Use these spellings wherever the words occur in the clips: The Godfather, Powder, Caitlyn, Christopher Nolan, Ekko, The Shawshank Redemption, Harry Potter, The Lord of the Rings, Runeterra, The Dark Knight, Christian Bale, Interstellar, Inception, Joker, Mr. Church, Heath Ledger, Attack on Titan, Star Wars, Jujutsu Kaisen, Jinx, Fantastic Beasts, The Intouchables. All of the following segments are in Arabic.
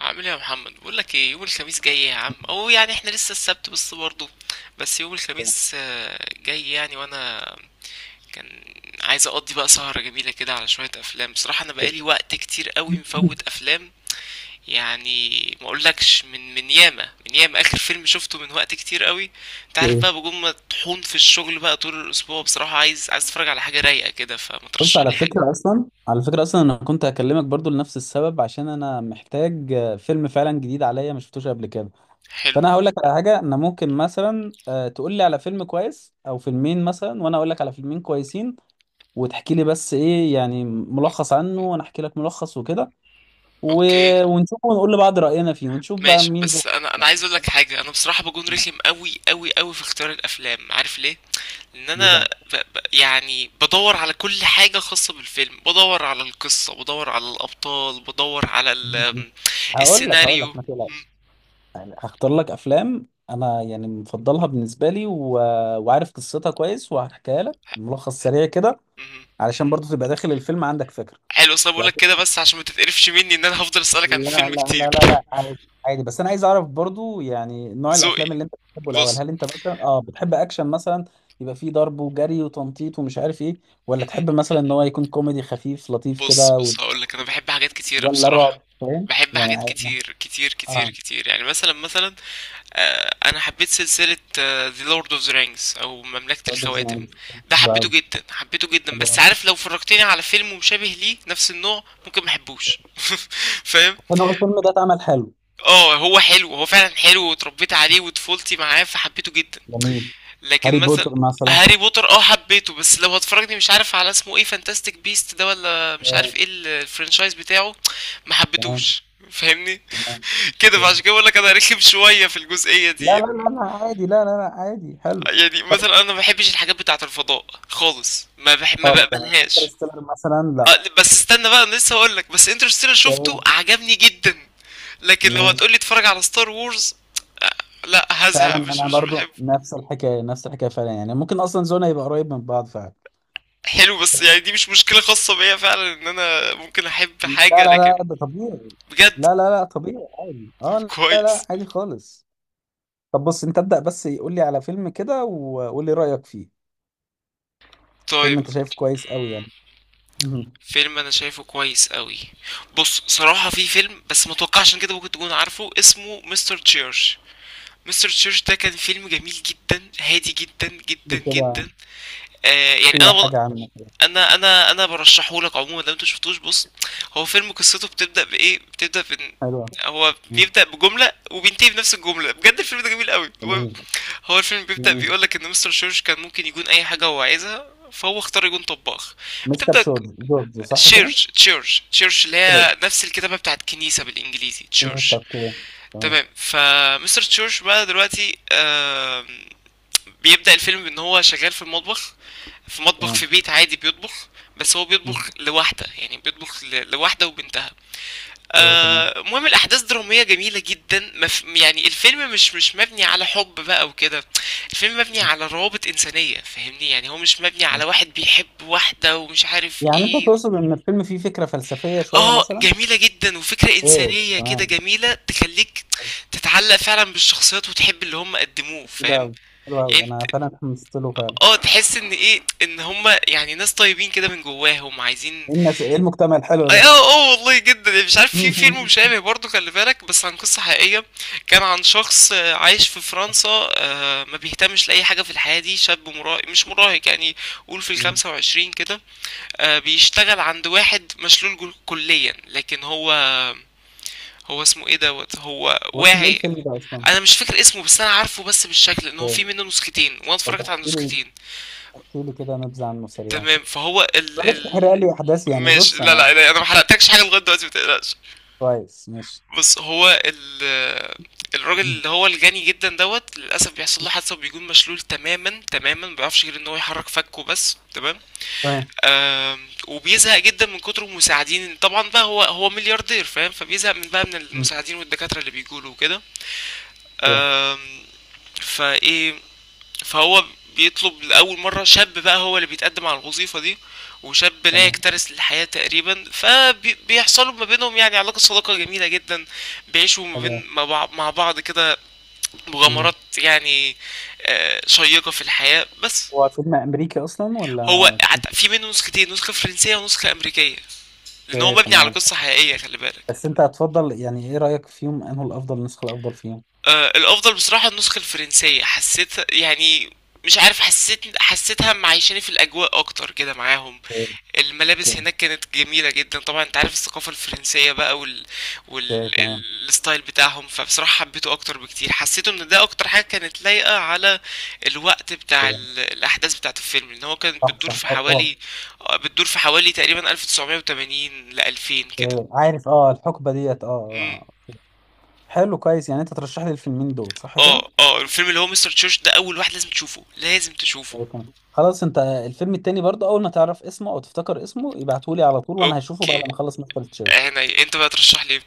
عامل ايه يا محمد؟ بقول لك ايه، يوم الخميس جاي يا عم، او يعني احنا لسه السبت بس برضه. بس يوم الخميس جاي يعني، وانا كان عايز اقضي بقى سهرة جميلة كده على شوية افلام. بصراحة انا بقالي وقت كتير قوي مفوت افلام يعني. ما اقولكش من ياما من ياما، اخر فيلم شفته من وقت كتير قوي. انت عارف ايه. بقى، بجوم مطحون في الشغل بقى طول الاسبوع، بصراحة عايز اتفرج على حاجة رايقة كده، فما بص، ترشح على لي حاجة؟ فكرة أصلا أنا كنت هكلمك برضو لنفس السبب عشان أنا محتاج فيلم فعلا جديد عليا ما شفتوش قبل كده. حلو. فأنا هقول لك على حاجة. أنا ممكن مثلا تقول لي على فيلم كويس أو فيلمين مثلا، وأنا أقول لك على فيلمين كويسين، وتحكي لي بس إيه يعني ملخص عنه، وأنا أحكي لك ملخص وكده و... اوكي، ونشوف، ونقول لبعض رأينا فيه، ونشوف بقى ماشي. مين ذوقك بس انا انا عايز اقول أكتر. لك حاجه، انا بصراحه بكون رخم قوي قوي قوي في اختيار الافلام، عارف ليه؟ لان إيه بقى؟ انا يعني بدور على كل حاجه خاصه بالفيلم، بدور على القصه، بدور على الابطال، بدور على هقول لك هقول السيناريو. لك ما مم، تقلقش. يعني هختار لك افلام انا يعني مفضلها بالنسبه لي وعارف قصتها كويس، وهحكيها لك ملخص سريع كده مم. علشان برضو تبقى داخل الفيلم عندك فكره. حلو. اصل بقول لك وبعدين- كده بس عشان ما تتقرفش مني، ان انا هفضل اسالك عن لا. لا الفيلم لا كتير. لا لا، عادي. عادي، بس انا عايز اعرف برضو يعني نوع ذوقي. الافلام اللي انت بتحبه الاول. بص. هل انت مثلا بتحب اكشن مثلا، يبقى فيه ضرب وجري وتنطيط ومش عارف ايه، ولا مم. تحب مثلا ان هو يكون كوميدي خفيف لطيف بص كده بص، هقول لك انا بحب حاجات كتيره ولا بصراحه. رعب؟ فاهم بحب يعني. حاجات اه. كتير كتير كتير آه، كتير، يعني مثلا، مثلا، انا حبيت سلسلة The Lord of the Rings او مملكة برضو زي ما الخواتم. قلت. ده حلو حبيته قوي. جدا، حبيته جدا، حلو بس قوي. عارف لو فرجتني على فيلم مشابه ليه نفس النوع ممكن محبوش فاهم؟ انا هو الفيلم ده اتعمل حلو. اه، هو حلو، هو فعلا حلو، واتربيت عليه وطفولتي معاه فحبيته جدا، جميل. لكن هاري مثلا، بوتر مثلا. هاري بوتر اه حبيته، بس لو هتفرجني مش عارف على اسمه ايه، فانتاستيك بيست ده ولا مش عارف تمام. ايه، الفرنشايز بتاعه، ما تمام. حبيتوش. فاهمني؟ تمام. كده، فعشان تمام. كده بقول لك انا رخم شويه في الجزئيه لا دي. لا لا لا، عادي. لا لا لا، عادي، حلو. يعني طيب. مثلا انا ما بحبش الحاجات بتاعة الفضاء خالص، ما خالص، تمام. بقبلهاش. انترستيلر مثلا؟ لا. بس استنى بقى، انا لسه هقول لك، بس انترستيلر شفته تمام. عجبني جدا. لكن لو ماشي. هتقولي اتفرج على ستار وورز، لا، فعلا هزهق، مش انا مش برضو بحبه. نفس الحكايه نفس الحكايه، فعلا يعني ممكن اصلا زون هيبقى قريب من بعض فعلا. حلو، بس يعني دي مش مشكلة خاصة بيا فعلا، ان انا ممكن احب لا حاجة لا لكن، لا، ده طبيعي. بجد. لا لا لا، طبيعي عادي، طب اه. لا لا، كويس. عادي خالص. طب بص، انت ابدأ بس. قول لي على فيلم كده، وقول لي رأيك فيه. فيلم طيب. انت شايفه كويس قوي مم، يعني مهم. فيلم انا شايفه كويس قوي. بص صراحة في فيلم، بس متوقعش ان كده ممكن تكون عارفه، اسمه مستر تشيرش. مستر تشيرش ده كان فيلم جميل جدا، هادي جدا قول جدا لي كده. جدا. يعني احكي لي حاجة عنه كده. انا برشحه لك عموما، لو انت شفتوش، بص. هو فيلم قصته بتبدا بايه؟ بتبدا بان حلوة. هو مم. بيبدا بجمله وبينتهي بنفس الجمله. بجد الفيلم ده جميل قوي. المهم، جميل. هو الفيلم بيبدا جميل. بيقول لك ان مستر تشيرش كان ممكن يكون اي حاجه هو عايزها، فهو اختار يكون طباخ. مستر بتبدا شورد جورج، صح كده؟ تشيرش، تشيرش، تشيرش اللي شورد. هي نفس الكتابه بتاعت كنيسه بالانجليزي، تشيرش. مستر كده. تمام. تمام. فمستر تشورش بقى دلوقتي بيبدأ الفيلم بان هو شغال في المطبخ، في مطبخ تمام. في بيت عادي بيطبخ. بس هو بيطبخ مم. لوحده، يعني بيطبخ لوحده وبنتها. كده تمام. المهم الاحداث دراميه جميله جدا، يعني الفيلم مش مبني على حب بقى وكده. الفيلم مبني على روابط انسانيه، فاهمني؟ يعني هو مش مبني على مم. واحد بيحب واحده ومش عارف يعني انت ايه. تقصد ان الفيلم فيه فكرة فلسفية شوية اه، مثلا؟ جميلة جدا وفكرة ايه إنسانية كده تمام. جميلة، تخليك تتعلق فعلا بالشخصيات وتحب اللي هم قدموه، كده فاهم؟ أوي. حلو قوي، يعني انا انت- فعلا اتحمست له فعلا. اه، تحس ان هم يعني ناس طيبين كده من جواهم، عايزين. ايه الناس، ايه المجتمع الحلو اه، ده؟ اه. والله جدا. يعني مش عارف في مم. فيلم مشابه برضه، خلي بالك، بس عن قصة حقيقية. كان عن شخص عايش في فرنسا. ما بيهتمش لأي حاجة في الحياة دي، شاب مراهق، مش مراهق يعني، قول في مم. 25 كده. بيشتغل عند واحد مشلول كليا، لكن هو، هو اسمه ايه دوت، هو هو اسمه ايه واعي. الفيلم ده اصلا؟ انا مش فاكر اسمه، بس انا عارفه بس بالشكل، ان هو في ايه. منه نسختين، وانا طب اتفرجت على احكي لي. النسختين. احكي لي كده نبذة عنه سريعا تمام، كده. فهو ال بلاش ال تحرق لي احداث، يعني ماشي، بص لا انا. لا لا، انا ما حرقتلكش حاجه لغايه دلوقتي، متقلقش. كويس، ماشي. بص هو ال، الراجل مم. اللي هو الجاني جدا دوت، للاسف بيحصل له حادثه وبيكون مشلول تماما تماما، ما بيعرفش غير ان هو يحرك فكه بس، تمام. تمام. وبيزهق جدا من كتر المساعدين، طبعا بقى هو ملياردير، فاهم؟ فبيزهق من بقى من مم. المساعدين والدكاتره اللي بيجوا له وكده. تمام. آم، فايه، فهو بيطلب لأول مرة، شاب بقى هو اللي بيتقدم على الوظيفة دي. وشاب لا تمام. يكترث للحياة تقريبا، فبيحصلوا ما بينهم يعني علاقة صداقة جميلة جدا. بيعيشوا ما تمام. بين مع بعض- مع بعض كده مغامرات يعني، شيقة في الحياة بس. هو فيلم امريكي اصلا هو ولا؟ في منه نسختين، نسخة فرنسية ونسخة أمريكية. لأن هو اوكي، مبني على تمام. قصة حقيقية، خلي بالك. بس انت هتفضل يعني، ايه رايك فيهم؟ انه الافضل، النسخه الافضل فيهم؟ الأفضل بصراحة النسخة الفرنسية، حسيت يعني، مش عارف، حسيتها معيشاني في الأجواء أكتر كده معاهم. اوكي. الملابس هناك كانت جميلة جدا، طبعا انت عارف الثقافة الفرنسية بقى اوكي تمام. الستايل بتاعهم، فبصراحة حبيته اكتر بكتير، حسيته ان ده اكتر حاجة كانت لايقة على الوقت بتاع اوكي. الاحداث بتاعة الفيلم، لان هو كان صح صح، اه اه. بتدور في حوالي تقريبا 1980 ل 2000 كده. اوكي. عارف، اه الحقبه ديت، اه امم اه. آه، حلو، كويس. يعني انت ترشح لي الفيلمين دول صح كده. اه، اه، الفيلم اللي هو مستر تشوش ده اول واحد لازم تشوفه، لازم تشوفه. اوكي، تمام، خلاص. انت الفيلم التاني برضه، اول ما تعرف اسمه او تفتكر اسمه، ابعته لي على طول، وانا هشوفه بعد اوكي. ما اخلص مستر تشيرش. عيني، انت بقى ترشح لي.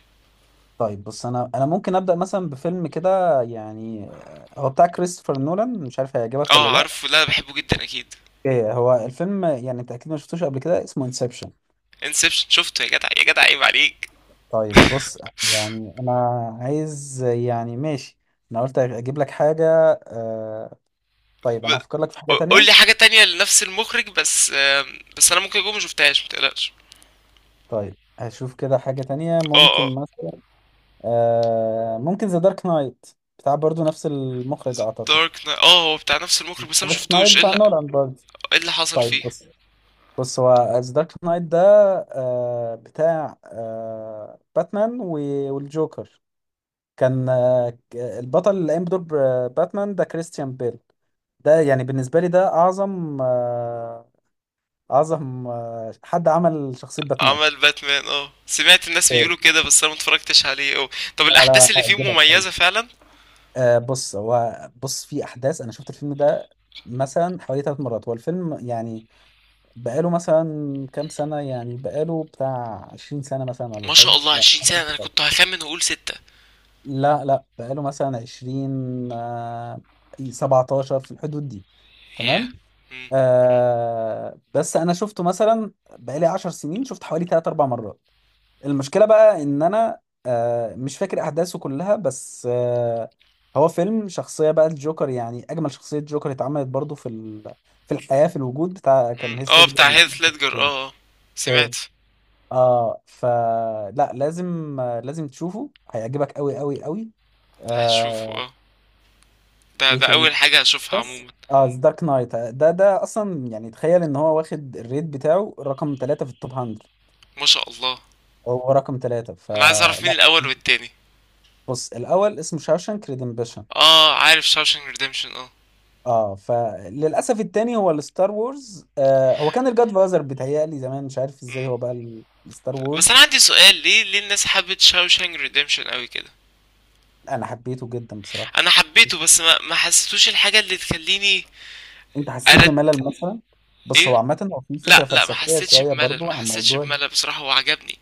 طيب بص، انا ممكن ابدا مثلا بفيلم كده يعني، هو بتاع كريستوفر نولان، مش عارف هيعجبك اه ولا لا. عارفه، لا بحبه جدا اكيد. ايه، هو الفيلم يعني انت اكيد ما شفتوش قبل كده، اسمه انسبشن. انسبشن شفته يا جدع، يا جدع، عيب عليك. طيب بص، يعني انا عايز يعني ماشي. انا قلت اجيب لك حاجة. آه. طيب انا ب... هفكر لك في حاجة تانية. قول لي حاجة تانية لنفس المخرج بس، بس انا ممكن اكون ما شفتهاش، متقلقش. طيب هشوف كده حاجة تانية. اه، اه. ممكن مثلا ممكن ذا دارك نايت، بتاع برضو نفس المخرج اعتقد. دارك نايت، اه هو بتاع نفس المخرج، بس انا ما دارك نايت شفتوش، ايه بتاع اللي، نولان برضو. ايه اللي حصل طيب فيه؟ بص. بص، هو ذا دارك نايت ده، آه بتاع باتمان والجوكر. كان البطل اللي قام بدور باتمان ده كريستيان بيل. ده يعني بالنسبة لي ده أعظم أعظم حد عمل شخصية باتمان. عمل باتمان اه، سمعت الناس إيه. بيقولوا كده، بس انا ما اتفرجتش عليه اه. طب لا الاحداث لا، اللي فيه هيعجبك قوي. مميزة فعلا؟ بص هو، بص في أحداث. أنا شفت الفيلم ده مثلا حوالي ثلاث مرات. هو الفيلم يعني بقاله مثلا كام سنة؟ يعني بقاله بتاع 20 سنة مثلا ولا ما شاء حاجة؟ الله، لا. 20 سنة! انا كنت هخمن واقول ستة. لا لا، بقاله مثلا 20، 17، في الحدود دي. ياه. تمام. مم. آه، بس انا شفته مثلا بقالي 10 سنين، شفت حوالي تلات اربع مرات. المشكله بقى ان انا آه مش فاكر احداثه كلها، بس آه هو فيلم شخصيه بقى الجوكر يعني اجمل شخصيه جوكر اتعملت برضو في الحياه، في الوجود بتاع، كان مم. هيث اه ليدجر. بتاع هيث لا. ليدجر، اه اه. سمعت. اوكي. اه، فلا لازم، لازم تشوفه، هيعجبك قوي قوي قوي. هشوفه آه. اه، ده ايه ده تاني؟ اول حاجة هشوفها بس عموما. اه، دارك نايت ده، ده اصلا يعني تخيل ان هو واخد الريت بتاعه رقم 3 في التوب 100. ما شاء الله. هو رقم 3، انا عايز اعرف مين فلا. الاول والتاني. بص الاول اسمه شاوشانك ريدمبشن. اه عارف شاوشانك ريديمشن اه. اه، فللاسف التاني هو الستار وورز. آه، هو كان الجاد فازر، بيتهيألي زمان مش عارف ازاي مم. هو بقى الستار بس انا وورز. عندي سؤال، ليه، ليه الناس حبت شاوشانك ريديمشن قوي كده؟ انا حبيته جدا بصراحة. انا حبيته، بس ما حسيتوش الحاجه اللي تخليني انت حسيت أرد. بملل مثلا؟ بص ايه. هو عامة، هو في فكرة لا لا، ما فلسفية حسيتش شوية بملل، برضو ما عن حسيتش موضوع. بملل، بصراحه هو عجبني.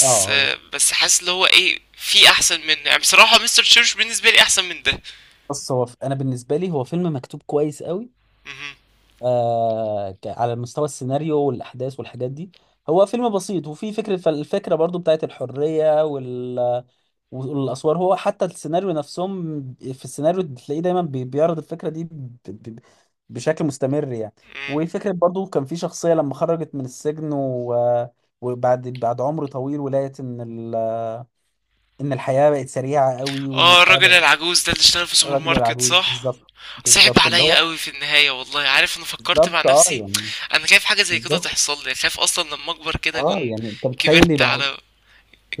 اه آه، هو. بس حاسس اللي هو ايه في احسن منه، يعني بصراحه مستر تشيرش بالنسبه لي احسن من ده. بص هو انا بالنسبة لي هو فيلم مكتوب كويس قوي. مهم. آه، على مستوى السيناريو والاحداث والحاجات دي. هو فيلم بسيط، وفي فكره، فالفكره برضو بتاعت الحريه والاسوار. هو حتى السيناريو نفسهم، في السيناريو تلاقيه دايما بيعرض الفكره دي بشكل مستمر يعني. مم. وفكره برضو، كان في شخصيه لما خرجت من السجن وبعد عمر طويل، ولقيت ان ان الحياه بقت سريعه قوي، وان اه، الحياه الراجل بقت. العجوز ده اللي اشتغل في سوبر الراجل ماركت، والعجوز صح؟ بالظبط. صعب بالظبط اللي عليا هو. قوي في النهاية، والله، عارف، انا فكرت مع بالظبط. اه نفسي. يعني. انا خايف حاجة زي كده بالظبط. تحصل لي، خايف اصلا لما اكبر كده اه اكون، يعني انت متخيل كبرت يبقى. على،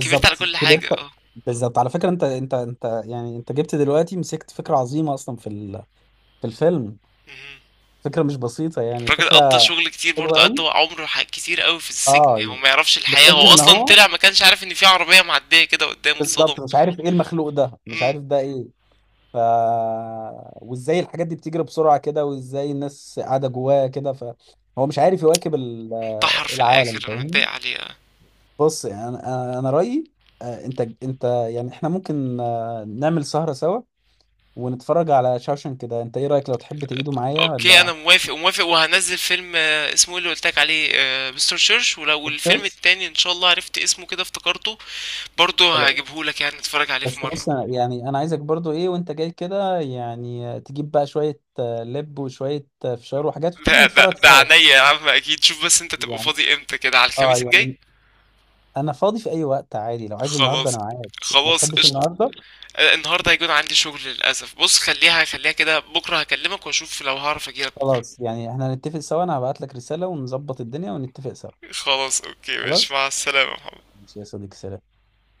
كبرت على كل حاجة كبرت. اه. بالظبط. على فكره انت، انت يعني انت جبت دلوقتي مسكت فكره عظيمه اصلا في الفيلم. مهم. فكره مش بسيطه يعني، الراجل قضى فكره شغل كتير حلوه برضه، قضى قوي. عمره كتير قوي في السجن، اه يعني هو يعني ما يعرفش الحياة، هو لدرجه ان اصلا هو طلع ما كانش عارف ان في عربية معدية كده قدامه، اتصدم. بالظبط مش عارف ايه المخلوق ده، مش مم. عارف ده ايه. ف وازاي الحاجات دي بتجري بسرعه كده، وازاي الناس قاعده جواها كده، فهو مش عارف يواكب انتحر في العالم، الاخر، انا فاهمني. متضايق عليه. بص يعني انا رايي، انت، يعني احنا ممكن نعمل سهره سوا ونتفرج على شاوشن كده. انت ايه رأيك، لو تحب تعيده معايا اوكي، ولا؟ انا موافق وموافق، وهنزل فيلم اسمه إيه اللي قلتلك عليه، مستر تشيرش، ولو الفيلم خلاص. التاني ان شاء الله عرفت اسمه كده افتكرته برضه خلاص. هجيبهولك، يعني نتفرج عليه في بس مرة. بص، يعني انا عايزك برضو ايه، وانت جاي كده، يعني تجيب بقى شوية لب، وشوية فشار، وحاجات، وتيجي ده ده نتفرج ده سوا. عينيا يا عم، اكيد. شوف بس انت تبقى يعني، فاضي امتى كده على اه الخميس الجاي. يعني انا فاضي في اي وقت عادي. لو عايز النهارده خلاص، انا معاك. ما خلاص، تحبش قشطة. النهارده؟ النهارده هيكون عندي شغل للاسف، بص خليها، خليها كده، بكره هكلمك واشوف لو هعرف اجيلك بكره. خلاص، يعني احنا هنتفق سوا. انا هبعت لك رسالة، ونظبط الدنيا، ونتفق سوا. خلاص، اوكي، ماشي، خلاص. مع السلامة يا محمد. ماشي يا صديقي، سلام.